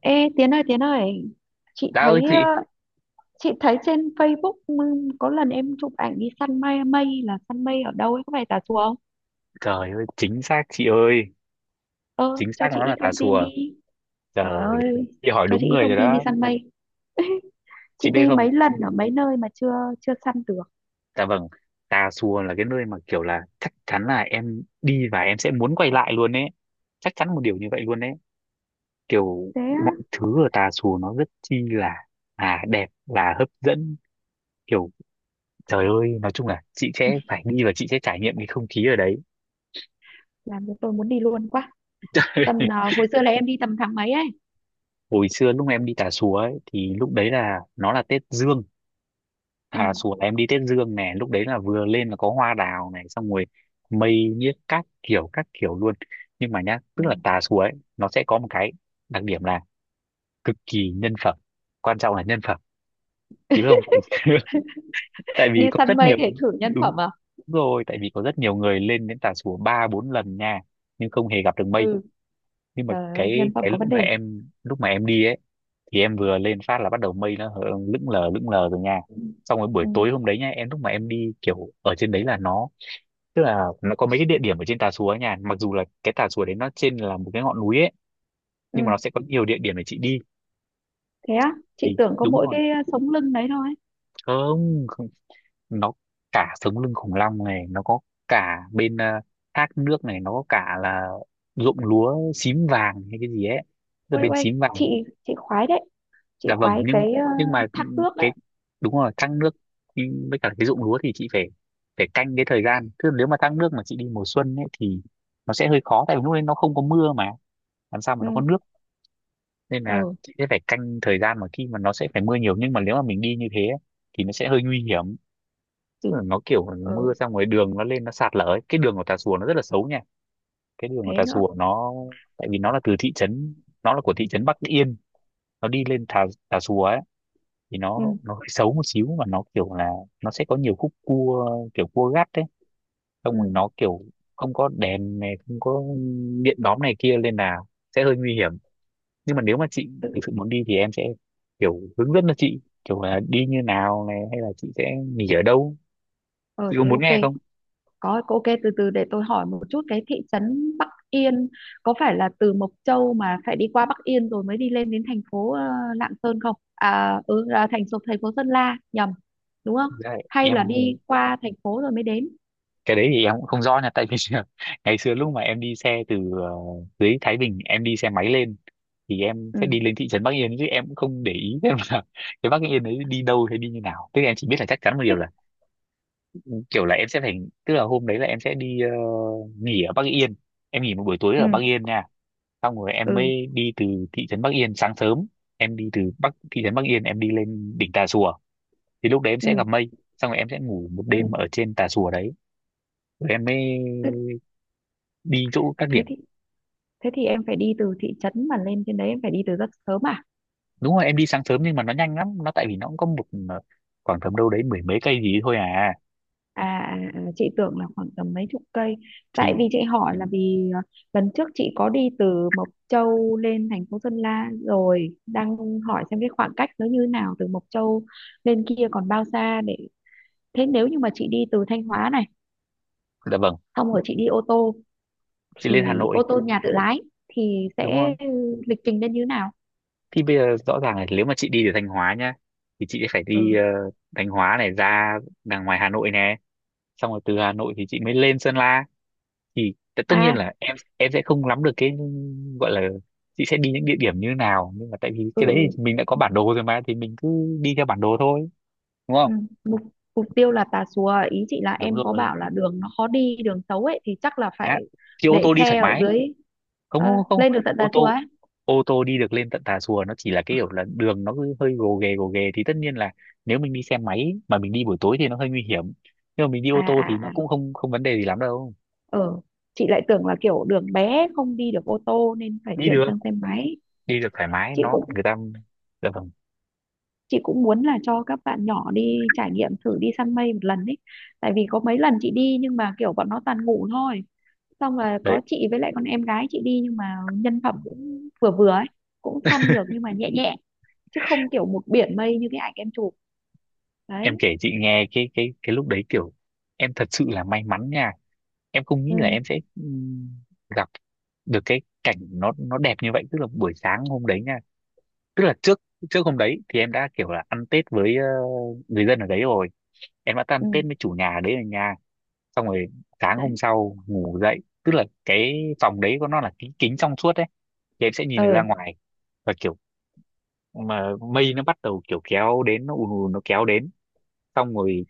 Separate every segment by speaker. Speaker 1: Ê Tiến ơi, Tiến ơi, chị
Speaker 2: Đã ơi
Speaker 1: thấy
Speaker 2: chị.
Speaker 1: ờ, chị thấy trên Facebook, có lần em chụp ảnh đi săn mây, mây là săn mây ở đâu ấy, có phải Tà Xùa không?
Speaker 2: Trời ơi, chính xác chị ơi.
Speaker 1: Ờ
Speaker 2: Chính
Speaker 1: cho
Speaker 2: xác,
Speaker 1: chị
Speaker 2: nó
Speaker 1: ít
Speaker 2: là Tà
Speaker 1: thông tin
Speaker 2: Xùa.
Speaker 1: đi.
Speaker 2: Trời
Speaker 1: Trời
Speaker 2: ơi.
Speaker 1: ơi,
Speaker 2: Chị hỏi
Speaker 1: cho chị
Speaker 2: đúng
Speaker 1: ít
Speaker 2: người
Speaker 1: thông
Speaker 2: rồi
Speaker 1: tin đi
Speaker 2: đó.
Speaker 1: săn mây.
Speaker 2: Chị
Speaker 1: Chị
Speaker 2: biết
Speaker 1: đi
Speaker 2: không?
Speaker 1: mấy lần ở mấy nơi mà chưa chưa săn được.
Speaker 2: Dạ vâng. Tà Xùa là cái nơi mà kiểu là chắc chắn là em đi và em sẽ muốn quay lại luôn ấy. Chắc chắn một điều như vậy luôn đấy. Kiểu
Speaker 1: Thế á?
Speaker 2: mọi thứ ở Tà Xùa nó rất chi là đẹp, là hấp dẫn, kiểu... Trời ơi, nói chung là chị sẽ phải đi và chị sẽ trải nghiệm cái không khí ở đấy.
Speaker 1: Làm cho tôi muốn đi luôn quá. Tầm hồi xưa là em đi tầm tháng mấy ấy?
Speaker 2: Hồi xưa lúc em đi Tà Xùa ấy thì lúc đấy là nó là Tết Dương.
Speaker 1: Ừ.
Speaker 2: Thà xuống, em đi Tết Dương này, lúc đấy là vừa lên là có hoa đào này, xong rồi mây nhiếc các kiểu luôn. Nhưng mà nhá,
Speaker 1: Ừ.
Speaker 2: tức là Tà Xùa ấy nó sẽ có một cái đặc điểm là cực kỳ nhân phẩm. Quan trọng là nhân phẩm. Chị biết không, tại vì, tại
Speaker 1: Đi
Speaker 2: vì có
Speaker 1: săn
Speaker 2: rất
Speaker 1: mây
Speaker 2: nhiều...
Speaker 1: để thử nhân
Speaker 2: Đúng
Speaker 1: phẩm à?
Speaker 2: rồi, tại vì có rất nhiều người lên đến Tà Xùa ba bốn lần nha, nhưng không hề gặp được mây.
Speaker 1: Ừ.
Speaker 2: Nhưng mà
Speaker 1: Trời ơi,
Speaker 2: cái
Speaker 1: nhân phẩm
Speaker 2: cái
Speaker 1: có
Speaker 2: lúc
Speaker 1: vấn
Speaker 2: mà
Speaker 1: đề.
Speaker 2: em đi ấy, thì em vừa lên phát là bắt đầu mây nó lững lờ rồi nha.
Speaker 1: Ừ.
Speaker 2: Xong rồi buổi
Speaker 1: Ừ.
Speaker 2: tối hôm đấy nha, em lúc mà em đi kiểu ở trên đấy là nó... Tức là nó có mấy cái địa điểm ở trên Tà Xùa ấy nha, mặc dù là cái Tà Xùa đấy nó trên là một cái ngọn núi ấy, nhưng mà
Speaker 1: Ừ.
Speaker 2: nó sẽ có nhiều địa điểm để chị đi.
Speaker 1: Thế á? Chị
Speaker 2: Thì
Speaker 1: tưởng có
Speaker 2: đúng
Speaker 1: mỗi
Speaker 2: rồi.
Speaker 1: cái sống lưng đấy thôi.
Speaker 2: Không, không. Nó... Cả sống lưng khủng long này nó có, cả bên thác nước này, nó có cả là ruộng lúa xím vàng hay cái gì ấy, tức là
Speaker 1: Ui,
Speaker 2: bên
Speaker 1: ui,
Speaker 2: xím
Speaker 1: chị
Speaker 2: vàng.
Speaker 1: chị khoái đấy, chị
Speaker 2: Dạ vâng,
Speaker 1: khoái
Speaker 2: nhưng...
Speaker 1: cái
Speaker 2: Nhưng mà
Speaker 1: thác nước đấy.
Speaker 2: cái... Đúng rồi, thăng nước. Đi với cả cái ruộng lúa thì chị phải... phải canh cái thời gian, chứ nếu mà thăng nước mà chị đi mùa xuân ấy thì nó sẽ hơi khó, tại vì lúc đấy nó không có mưa mà, làm sao mà nó có
Speaker 1: Ừ.
Speaker 2: nước. Nên là
Speaker 1: Ờ.
Speaker 2: chị sẽ phải canh thời gian mà khi mà nó sẽ phải mưa nhiều, nhưng mà nếu mà mình đi như thế ấy, thì nó sẽ hơi nguy hiểm. Tức là nó kiểu
Speaker 1: Ờ,
Speaker 2: mưa xong rồi đường nó lên nó sạt lở ấy. Cái đường của Tà Xùa nó rất là xấu nha. Cái đường của
Speaker 1: thế
Speaker 2: Tà
Speaker 1: nữa?
Speaker 2: Xùa nó... tại vì nó là từ thị trấn, nó là của thị trấn Bắc Yên. Nó đi lên Tà Tà Xùa ấy, thì
Speaker 1: Ừ.
Speaker 2: nó hơi xấu một xíu và nó kiểu là nó sẽ có nhiều khúc cua, kiểu cua gắt đấy. Xong rồi
Speaker 1: Ừ.
Speaker 2: nó kiểu không có đèn này, không có điện đóm này kia, nên là sẽ hơi nguy hiểm. Nhưng mà nếu mà chị
Speaker 1: Tự.
Speaker 2: thực sự muốn đi thì em sẽ kiểu hướng dẫn cho chị, kiểu là đi như nào này hay là chị sẽ nghỉ ở đâu.
Speaker 1: Ờ
Speaker 2: Chị có
Speaker 1: Thế
Speaker 2: muốn nghe
Speaker 1: ok.
Speaker 2: không?
Speaker 1: Có, ok, từ từ để tôi hỏi một chút cái thị trấn Bắc Yên. Có phải là từ Mộc Châu mà phải đi qua Bắc Yên rồi mới đi lên đến thành phố Lạng Sơn không? Ừ, là thành phố, Sơn La, nhầm, đúng không?
Speaker 2: Thực ra là
Speaker 1: Hay
Speaker 2: em...
Speaker 1: là đi qua thành phố rồi mới đến?
Speaker 2: cái đấy thì em cũng không rõ nha, tại vì ngày xưa lúc mà em đi xe từ dưới Thái Bình em đi xe máy lên, thì em
Speaker 1: Ừ,
Speaker 2: sẽ đi lên thị trấn Bắc Yên chứ em cũng không để ý xem là cái Bắc Yên đấy đi đâu hay đi như nào, tức là em chỉ biết là chắc chắn một
Speaker 1: thế,
Speaker 2: điều là kiểu là em sẽ phải... Tức là hôm đấy là em sẽ đi nghỉ ở Bắc Yên. Em nghỉ một buổi tối ở
Speaker 1: Ừ.
Speaker 2: Bắc Yên nha. Xong rồi em
Speaker 1: Ừ.
Speaker 2: mới đi từ thị trấn Bắc Yên sáng sớm. Em đi từ thị trấn Bắc Yên em đi lên đỉnh Tà Xùa, thì lúc đấy em
Speaker 1: Ừ.
Speaker 2: sẽ gặp mây. Xong rồi em sẽ ngủ một
Speaker 1: Ừ.
Speaker 2: đêm ở trên Tà Xùa đấy. Rồi em mới
Speaker 1: Thế,
Speaker 2: đi chỗ các
Speaker 1: thế
Speaker 2: điểm.
Speaker 1: thì thế thì em phải đi từ thị trấn mà lên trên đấy, em phải đi từ rất sớm à?
Speaker 2: Đúng rồi em đi sáng sớm, nhưng mà nó nhanh lắm, nó tại vì nó cũng có một ờ, khoảng tầm đâu đấy mười mấy cây gì thôi à.
Speaker 1: Chị tưởng là khoảng tầm mấy chục cây. Tại
Speaker 2: Thì...
Speaker 1: vì chị hỏi là vì lần trước chị có đi từ Mộc Châu lên thành phố Sơn La rồi đang hỏi xem cái khoảng cách nó như thế nào, từ Mộc Châu lên kia còn bao xa để. Thế nếu như mà chị đi từ Thanh Hóa này,
Speaker 2: Dạ vâng,
Speaker 1: xong rồi chị đi ô tô,
Speaker 2: chị lên Hà
Speaker 1: thì
Speaker 2: Nội,
Speaker 1: ô tô nhà tự lái, thì
Speaker 2: đúng
Speaker 1: sẽ
Speaker 2: rồi.
Speaker 1: lịch trình lên như thế nào?
Speaker 2: Thì bây giờ rõ ràng là nếu mà chị đi từ Thanh Hóa nhá, thì chị phải đi
Speaker 1: Ừ.
Speaker 2: Thanh Hóa này ra đằng ngoài Hà Nội nè, xong rồi từ Hà Nội thì chị mới lên Sơn La. Thì tất nhiên
Speaker 1: À.
Speaker 2: là em sẽ không nắm được cái gọi là... chị sẽ đi những địa điểm như thế nào, nhưng mà tại vì cái đấy
Speaker 1: Ừ.
Speaker 2: thì mình đã có bản đồ rồi mà, thì mình cứ đi theo bản đồ thôi, đúng
Speaker 1: Ừ.
Speaker 2: không?
Speaker 1: Mục, mục tiêu là Tà Xùa, ý chị là
Speaker 2: Đúng
Speaker 1: em có
Speaker 2: rồi.
Speaker 1: bảo là đường nó khó đi, đường xấu ấy, thì chắc là
Speaker 2: Đó.
Speaker 1: phải
Speaker 2: Chị ô
Speaker 1: để
Speaker 2: tô đi
Speaker 1: xe
Speaker 2: thoải
Speaker 1: ở
Speaker 2: mái.
Speaker 1: dưới,
Speaker 2: Không, không, không.
Speaker 1: lên được tận Tà
Speaker 2: ô
Speaker 1: Xùa
Speaker 2: tô
Speaker 1: ấy?
Speaker 2: ô tô đi được lên tận Tà Xùa, nó chỉ là cái kiểu là đường nó cứ hơi gồ ghề gồ ghề, thì tất nhiên là nếu mình đi xe máy mà mình đi buổi tối thì nó hơi nguy hiểm, nhưng mà mình đi
Speaker 1: à
Speaker 2: ô tô thì
Speaker 1: à
Speaker 2: nó
Speaker 1: à
Speaker 2: cũng không không vấn đề gì lắm đâu.
Speaker 1: ờ chị lại tưởng là kiểu đường bé không đi được ô tô nên phải
Speaker 2: Đi
Speaker 1: chuyển
Speaker 2: được,
Speaker 1: sang xe máy.
Speaker 2: đi được thoải mái,
Speaker 1: chị
Speaker 2: nó
Speaker 1: cũng
Speaker 2: người ta... Dạ vâng.
Speaker 1: chị cũng muốn là cho các bạn nhỏ đi trải nghiệm thử đi săn mây một lần ấy. Tại vì có mấy lần chị đi nhưng mà kiểu bọn nó toàn ngủ thôi. Xong rồi
Speaker 2: Đấy,
Speaker 1: có chị với lại con em gái chị đi nhưng mà nhân phẩm cũng vừa vừa ấy, cũng săn được nhưng mà nhẹ nhẹ, chứ không kiểu một biển mây như cái ảnh em chụp.
Speaker 2: em
Speaker 1: Đấy.
Speaker 2: kể chị nghe cái lúc đấy kiểu em thật sự là may mắn nha. Em không nghĩ
Speaker 1: Ừ.
Speaker 2: là em sẽ gặp được cái cảnh nó đẹp như vậy, tức là buổi sáng hôm đấy nha, tức là trước trước hôm đấy thì em đã kiểu là ăn Tết với người dân ở đấy rồi, em đã
Speaker 1: Ừ.
Speaker 2: tan tết với chủ nhà đấy ở nhà. Xong rồi sáng hôm
Speaker 1: Đấy.
Speaker 2: sau ngủ dậy, tức là cái phòng đấy của nó là kính kính trong suốt đấy, thì em sẽ nhìn được ra
Speaker 1: ờ
Speaker 2: ngoài, và kiểu mà mây nó bắt đầu kiểu kéo đến, nó ùn ùn nó kéo đến, xong rồi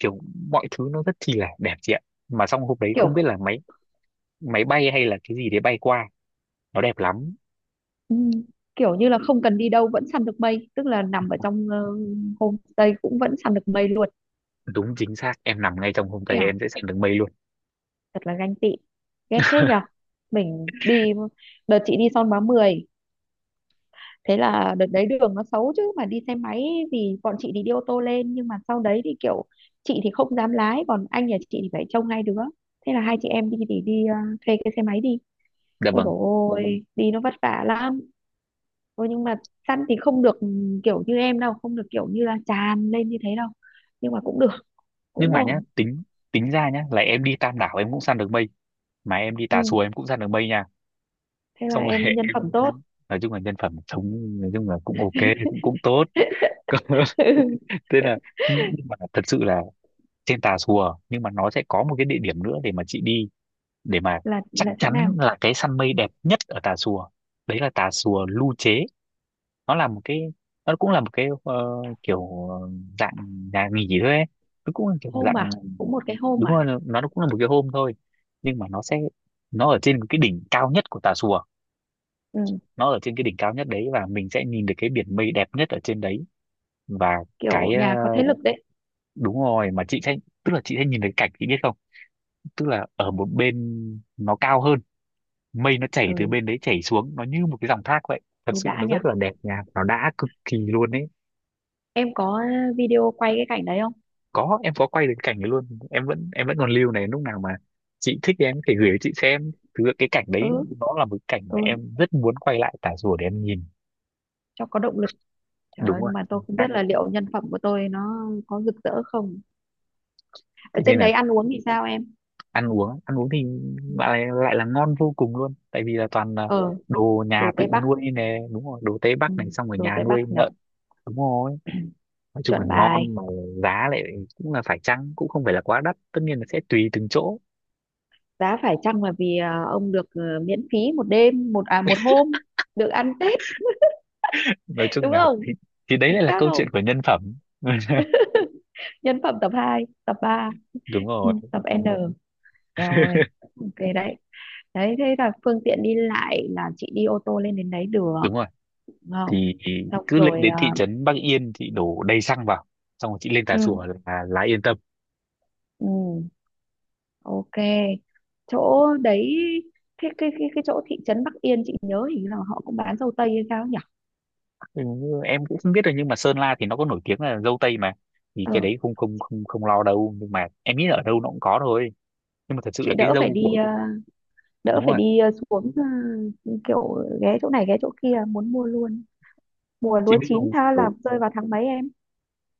Speaker 2: kiểu mọi thứ nó rất chi là đẹp chị ạ. Mà xong hôm đấy
Speaker 1: Kiểu,
Speaker 2: không biết là máy máy bay hay là cái gì đấy bay qua, nó đẹp lắm.
Speaker 1: ừ, kiểu như là không cần đi đâu vẫn săn được mây, tức là nằm ở trong homestay cũng vẫn săn được mây luôn.
Speaker 2: Đúng, chính xác, em nằm ngay trong hôm đấy
Speaker 1: Ẻo,
Speaker 2: em sẽ săn được mây luôn.
Speaker 1: thật là ganh tị, ghét thế nhở. Mình đi, đợt chị đi Son Hóa 10, thế là đợt đấy đường nó xấu chứ mà đi xe máy, thì bọn chị thì đi ô tô lên nhưng mà sau đấy thì kiểu chị thì không dám lái, còn anh nhà chị thì phải trông hai đứa. Thế là hai chị em đi thì đi, thuê cái xe máy đi.
Speaker 2: Dạ
Speaker 1: Ôi
Speaker 2: vâng.
Speaker 1: dồi ôi, đi nó vất vả lắm. Thôi nhưng mà săn thì không được, ừ, kiểu như em đâu, không được kiểu như là tràn lên như thế đâu. Nhưng mà cũng được,
Speaker 2: Nhưng
Speaker 1: cũng
Speaker 2: mà nhá,
Speaker 1: ổn.
Speaker 2: tính tính ra nhá là em đi Tam Đảo em cũng săn được mây, mà em đi
Speaker 1: Ừ,
Speaker 2: Tà Xùa em cũng săn được mây nha.
Speaker 1: thế là
Speaker 2: Xong rồi
Speaker 1: em nhân
Speaker 2: em
Speaker 1: phẩm tốt.
Speaker 2: nói chung là nhân phẩm sống, nói chung là cũng ok, cũng cũng tốt.
Speaker 1: Ừ,
Speaker 2: Thế là... nhưng mà thật sự là trên Tà Xùa nhưng mà nó sẽ có một cái địa điểm nữa để mà chị đi, để mà
Speaker 1: Là
Speaker 2: chắc
Speaker 1: là chỗ
Speaker 2: chắn
Speaker 1: nào?
Speaker 2: là cái săn mây đẹp nhất ở Tà Xùa. Đấy là Tà Xùa Lu Chế. Nó là một cái... nó cũng là một cái kiểu dạng nhà nghỉ thôi ấy. Nó cũng là kiểu
Speaker 1: Hôm
Speaker 2: dạng...
Speaker 1: à, cũng một cái hôm
Speaker 2: Đúng
Speaker 1: à?
Speaker 2: rồi, nó cũng là một cái hôm thôi, nhưng mà nó sẽ... nó ở trên cái đỉnh cao nhất của Tà Xùa.
Speaker 1: Ừ,
Speaker 2: Nó ở trên cái đỉnh cao nhất đấy và mình sẽ nhìn được cái biển mây đẹp nhất ở trên đấy, và
Speaker 1: kiểu
Speaker 2: cái
Speaker 1: nhà có thế lực đấy.
Speaker 2: đúng rồi mà chị sẽ... tức là chị sẽ nhìn thấy cảnh, chị biết không, tức là ở một bên nó cao hơn, mây nó chảy từ
Speaker 1: Ừ,
Speaker 2: bên đấy chảy xuống, nó như một cái dòng thác vậy, thật
Speaker 1: ui
Speaker 2: sự
Speaker 1: đã
Speaker 2: nó
Speaker 1: nhỉ.
Speaker 2: rất là đẹp nha, nó đã cực kỳ luôn ấy.
Speaker 1: Em có video quay cái cảnh đấy không?
Speaker 2: Có, em có quay được cảnh ấy luôn, em vẫn còn lưu này, lúc nào mà chị thích thì em có thể gửi cho chị xem. Thực sự cái cảnh đấy
Speaker 1: Ừ.
Speaker 2: nó là một cái cảnh mà
Speaker 1: Ừ,
Speaker 2: em rất muốn quay lại Tà Rùa để em nhìn.
Speaker 1: cho có động lực. Trời
Speaker 2: Đúng
Speaker 1: ơi,
Speaker 2: rồi,
Speaker 1: nhưng mà tôi
Speaker 2: chính
Speaker 1: không
Speaker 2: xác.
Speaker 1: biết là liệu nhân phẩm của tôi nó có rực rỡ không. Ở
Speaker 2: Thế nên
Speaker 1: trên
Speaker 2: là
Speaker 1: đấy ăn uống thì sao em?
Speaker 2: ăn uống thì
Speaker 1: Ừ.
Speaker 2: lại lại là ngon vô cùng luôn, tại vì là toàn là
Speaker 1: Ờ,
Speaker 2: đồ
Speaker 1: đồ
Speaker 2: nhà tự
Speaker 1: Tây Bắc.
Speaker 2: nuôi nè, đúng rồi, đồ Tây
Speaker 1: Ừ,
Speaker 2: Bắc này, xong rồi
Speaker 1: đồ
Speaker 2: nhà
Speaker 1: Tây Bắc
Speaker 2: nuôi
Speaker 1: nhỉ,
Speaker 2: lợn. Đúng rồi. Nói chung là
Speaker 1: chuẩn bài.
Speaker 2: ngon mà. Giá lại cũng là phải chăng, cũng không phải là quá đắt, tất nhiên là sẽ tùy từng chỗ.
Speaker 1: Giá phải chăng là vì ông được miễn phí một đêm, một một hôm, được ăn Tết
Speaker 2: Nói chung
Speaker 1: đúng
Speaker 2: là
Speaker 1: không?
Speaker 2: thì đấy
Speaker 1: Chính
Speaker 2: lại là
Speaker 1: xác
Speaker 2: câu
Speaker 1: không?
Speaker 2: chuyện của nhân phẩm.
Speaker 1: Nhân phẩm tập hai, tập ba.
Speaker 2: Đúng
Speaker 1: Ừ,
Speaker 2: rồi.
Speaker 1: tập N. Eo ơi. Ok đấy. Đấy, thế là phương tiện đi lại là chị đi ô tô lên đến đấy được
Speaker 2: Đúng rồi.
Speaker 1: đúng không?
Speaker 2: Thì
Speaker 1: Xong
Speaker 2: cứ lên
Speaker 1: rồi.
Speaker 2: đến thị trấn Bắc Yên chị đổ đầy xăng vào, xong rồi chị lên
Speaker 1: Ừ.
Speaker 2: Tà Xùa là yên tâm.
Speaker 1: Ừ. Ok, chỗ đấy. Cái chỗ thị trấn Bắc Yên chị nhớ hình như là họ cũng bán dâu tây hay sao nhỉ?
Speaker 2: Ừ, em cũng không biết rồi, nhưng mà Sơn La thì nó có nổi tiếng là dâu tây mà. Thì
Speaker 1: ờ
Speaker 2: cái đấy không không không không lo đâu, nhưng mà em nghĩ là ở đâu nó cũng có thôi. Nhưng mà thật sự là
Speaker 1: chị
Speaker 2: cái
Speaker 1: đỡ phải
Speaker 2: dâu
Speaker 1: đi,
Speaker 2: của...
Speaker 1: đỡ
Speaker 2: đúng
Speaker 1: phải
Speaker 2: rồi.
Speaker 1: đi xuống, kiểu ghé chỗ này ghé chỗ kia, muốn mua luôn. Mùa
Speaker 2: Chị
Speaker 1: lúa
Speaker 2: biết
Speaker 1: chín
Speaker 2: không,
Speaker 1: tha là
Speaker 2: kiểu
Speaker 1: rơi vào tháng mấy em?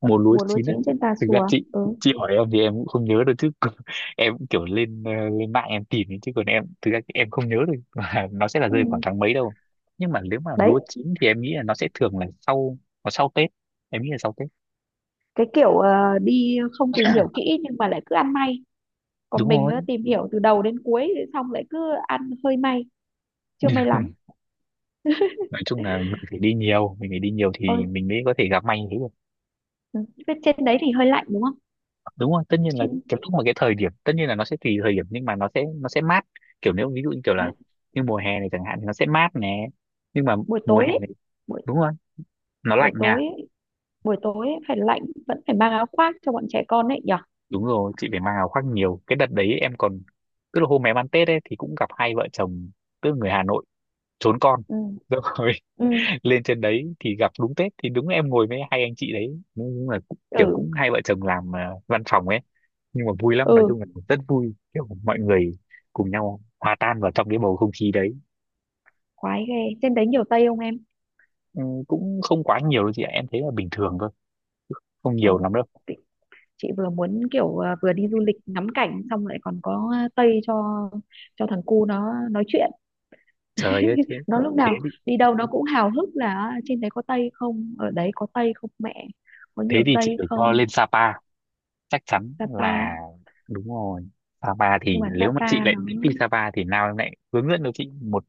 Speaker 2: mùa lúa
Speaker 1: Mùa lúa
Speaker 2: chín á,
Speaker 1: chín trên Tà
Speaker 2: thực ra
Speaker 1: Xùa.
Speaker 2: chị
Speaker 1: Ừ.
Speaker 2: chị hỏi em thì em cũng không nhớ được chứ còn em cũng kiểu lên lên mạng em tìm ấy, chứ còn em thực ra em không nhớ được là nó sẽ là
Speaker 1: Ừ.
Speaker 2: rơi khoảng tháng mấy đâu. Nhưng mà nếu mà
Speaker 1: Đấy.
Speaker 2: lúa chín thì em nghĩ là nó sẽ thường là sau, nó sau Tết, em nghĩ là sau Tết.
Speaker 1: Cái kiểu đi không tìm hiểu kỹ nhưng mà lại cứ ăn may, còn
Speaker 2: Đúng
Speaker 1: mình
Speaker 2: rồi.
Speaker 1: á, tìm hiểu từ đầu đến cuối xong lại cứ ăn hơi may, chưa may lắm.
Speaker 2: Nói chung là mình phải đi nhiều, mình phải đi nhiều
Speaker 1: Ôi.
Speaker 2: thì mình mới có thể gặp may như thế được.
Speaker 1: Ừ. Thế trên đấy thì hơi lạnh đúng không?
Speaker 2: Đúng rồi, tất nhiên là
Speaker 1: Trên,
Speaker 2: cái lúc mà cái thời điểm, tất nhiên là nó sẽ tùy thời điểm, nhưng mà nó sẽ mát, kiểu nếu ví dụ như kiểu
Speaker 1: à,
Speaker 2: là như mùa hè này chẳng hạn thì nó sẽ mát nè, nhưng mà
Speaker 1: buổi
Speaker 2: mùa
Speaker 1: tối
Speaker 2: hè
Speaker 1: ấy,
Speaker 2: này
Speaker 1: buổi
Speaker 2: đúng rồi, nó
Speaker 1: buổi
Speaker 2: lạnh nha.
Speaker 1: tối ấy, buổi tối ấy phải lạnh, vẫn phải mang áo khoác cho bọn trẻ con ấy nhở?
Speaker 2: Đúng rồi, chị phải mang áo khoác nhiều, cái đợt đấy em còn... tức là hôm em ăn Tết ấy thì cũng gặp hai vợ chồng, tức là người Hà Nội trốn con,
Speaker 1: Ừ.
Speaker 2: rồi
Speaker 1: Ừ.
Speaker 2: lên trên đấy thì gặp đúng Tết, thì đúng em ngồi với hai anh chị đấy, đúng là kiểu
Speaker 1: Ừ.
Speaker 2: cũng hai vợ chồng làm văn phòng ấy. Nhưng mà vui lắm, nói
Speaker 1: Ừ.
Speaker 2: chung là rất vui, kiểu mọi người cùng nhau hòa tan vào trong cái bầu không khí đấy.
Speaker 1: Khoái ghê. Trên đấy nhiều Tây không em?
Speaker 2: Ừ, cũng không quá nhiều đâu chị ạ, em thấy là bình thường thôi, không nhiều
Speaker 1: ờ
Speaker 2: lắm đâu.
Speaker 1: chị chị vừa muốn kiểu vừa đi du lịch ngắm cảnh xong lại còn có Tây cho thằng cu nó nói chuyện.
Speaker 2: Trời ơi, thế...
Speaker 1: Nó lúc
Speaker 2: thế
Speaker 1: nào
Speaker 2: thì
Speaker 1: đi đâu nó cũng hào hức là "À, trên đấy có Tây không, ở đấy có Tây không mẹ, có
Speaker 2: thế
Speaker 1: nhiều
Speaker 2: thì chị
Speaker 1: Tây
Speaker 2: phải cho
Speaker 1: không?"
Speaker 2: lên Sapa, chắc chắn là
Speaker 1: Sapa.
Speaker 2: đúng rồi. Sapa
Speaker 1: Nhưng
Speaker 2: thì
Speaker 1: mà
Speaker 2: nếu mà chị
Speaker 1: Sapa
Speaker 2: lại
Speaker 1: nó,
Speaker 2: thích đi Sapa thì nào em lại hướng dẫn cho chị một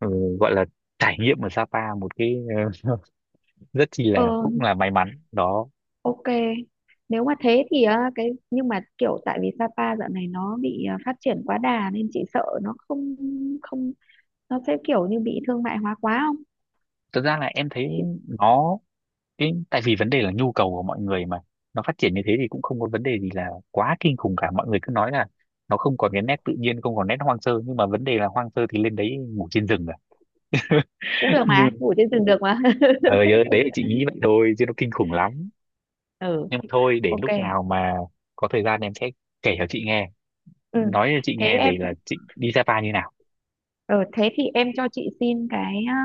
Speaker 2: ừ, gọi là trải nghiệm ở Sapa một cái rất chi là
Speaker 1: ờ
Speaker 2: cũng là may mắn đó.
Speaker 1: ok, nếu mà thế thì cái nhưng mà kiểu tại vì Sapa dạo này nó bị phát triển quá đà nên chị sợ nó không, không nó sẽ kiểu như bị thương mại hóa quá không?
Speaker 2: Thật ra là em thấy
Speaker 1: Chị
Speaker 2: nó... Cái, tại vì vấn đề là nhu cầu của mọi người mà, nó phát triển như thế thì cũng không có vấn đề gì là quá kinh khủng cả, mọi người cứ nói là nó không còn cái nét tự nhiên, không còn nét hoang sơ, nhưng mà vấn đề là hoang sơ thì lên đấy ngủ trên rừng à?
Speaker 1: cũng được mà,
Speaker 2: Nhưng
Speaker 1: ngủ trên giường được mà.
Speaker 2: trời ơi, đấy là chị nghĩ vậy thôi chứ nó kinh khủng lắm.
Speaker 1: Ừ.
Speaker 2: Nhưng mà thôi, để
Speaker 1: Ok.
Speaker 2: lúc nào mà có thời gian em sẽ kể cho chị nghe,
Speaker 1: Ừ.
Speaker 2: nói cho chị
Speaker 1: Thế
Speaker 2: nghe
Speaker 1: em,
Speaker 2: về là chị đi Sapa như nào.
Speaker 1: ừ, thế thì em cho chị xin cái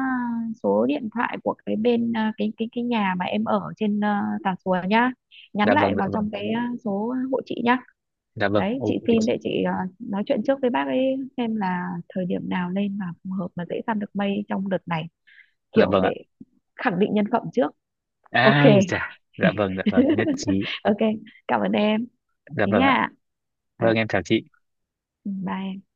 Speaker 1: số điện thoại của cái bên cái nhà mà em ở trên Tà Xùa nhá. Nhắn
Speaker 2: Dạ
Speaker 1: lại
Speaker 2: vâng, dạ
Speaker 1: vào
Speaker 2: vâng.
Speaker 1: trong cái số hộ chị nhá.
Speaker 2: Dạ vâng,
Speaker 1: Đấy,
Speaker 2: ok
Speaker 1: chị xin
Speaker 2: chị.
Speaker 1: để chị nói chuyện trước với bác ấy, xem là thời điểm nào lên mà phù hợp mà dễ săn được mây trong đợt này,
Speaker 2: Dạ
Speaker 1: kiểu
Speaker 2: vâng ạ.
Speaker 1: để khẳng định nhân phẩm trước. Ok.
Speaker 2: Ai chà, dạ vâng, dạ vâng, nhất trí.
Speaker 1: Ok, cảm ơn em,
Speaker 2: Dạ
Speaker 1: thế
Speaker 2: vâng ạ.
Speaker 1: nha. Ờ,
Speaker 2: Vâng, em chào chị.
Speaker 1: bye em.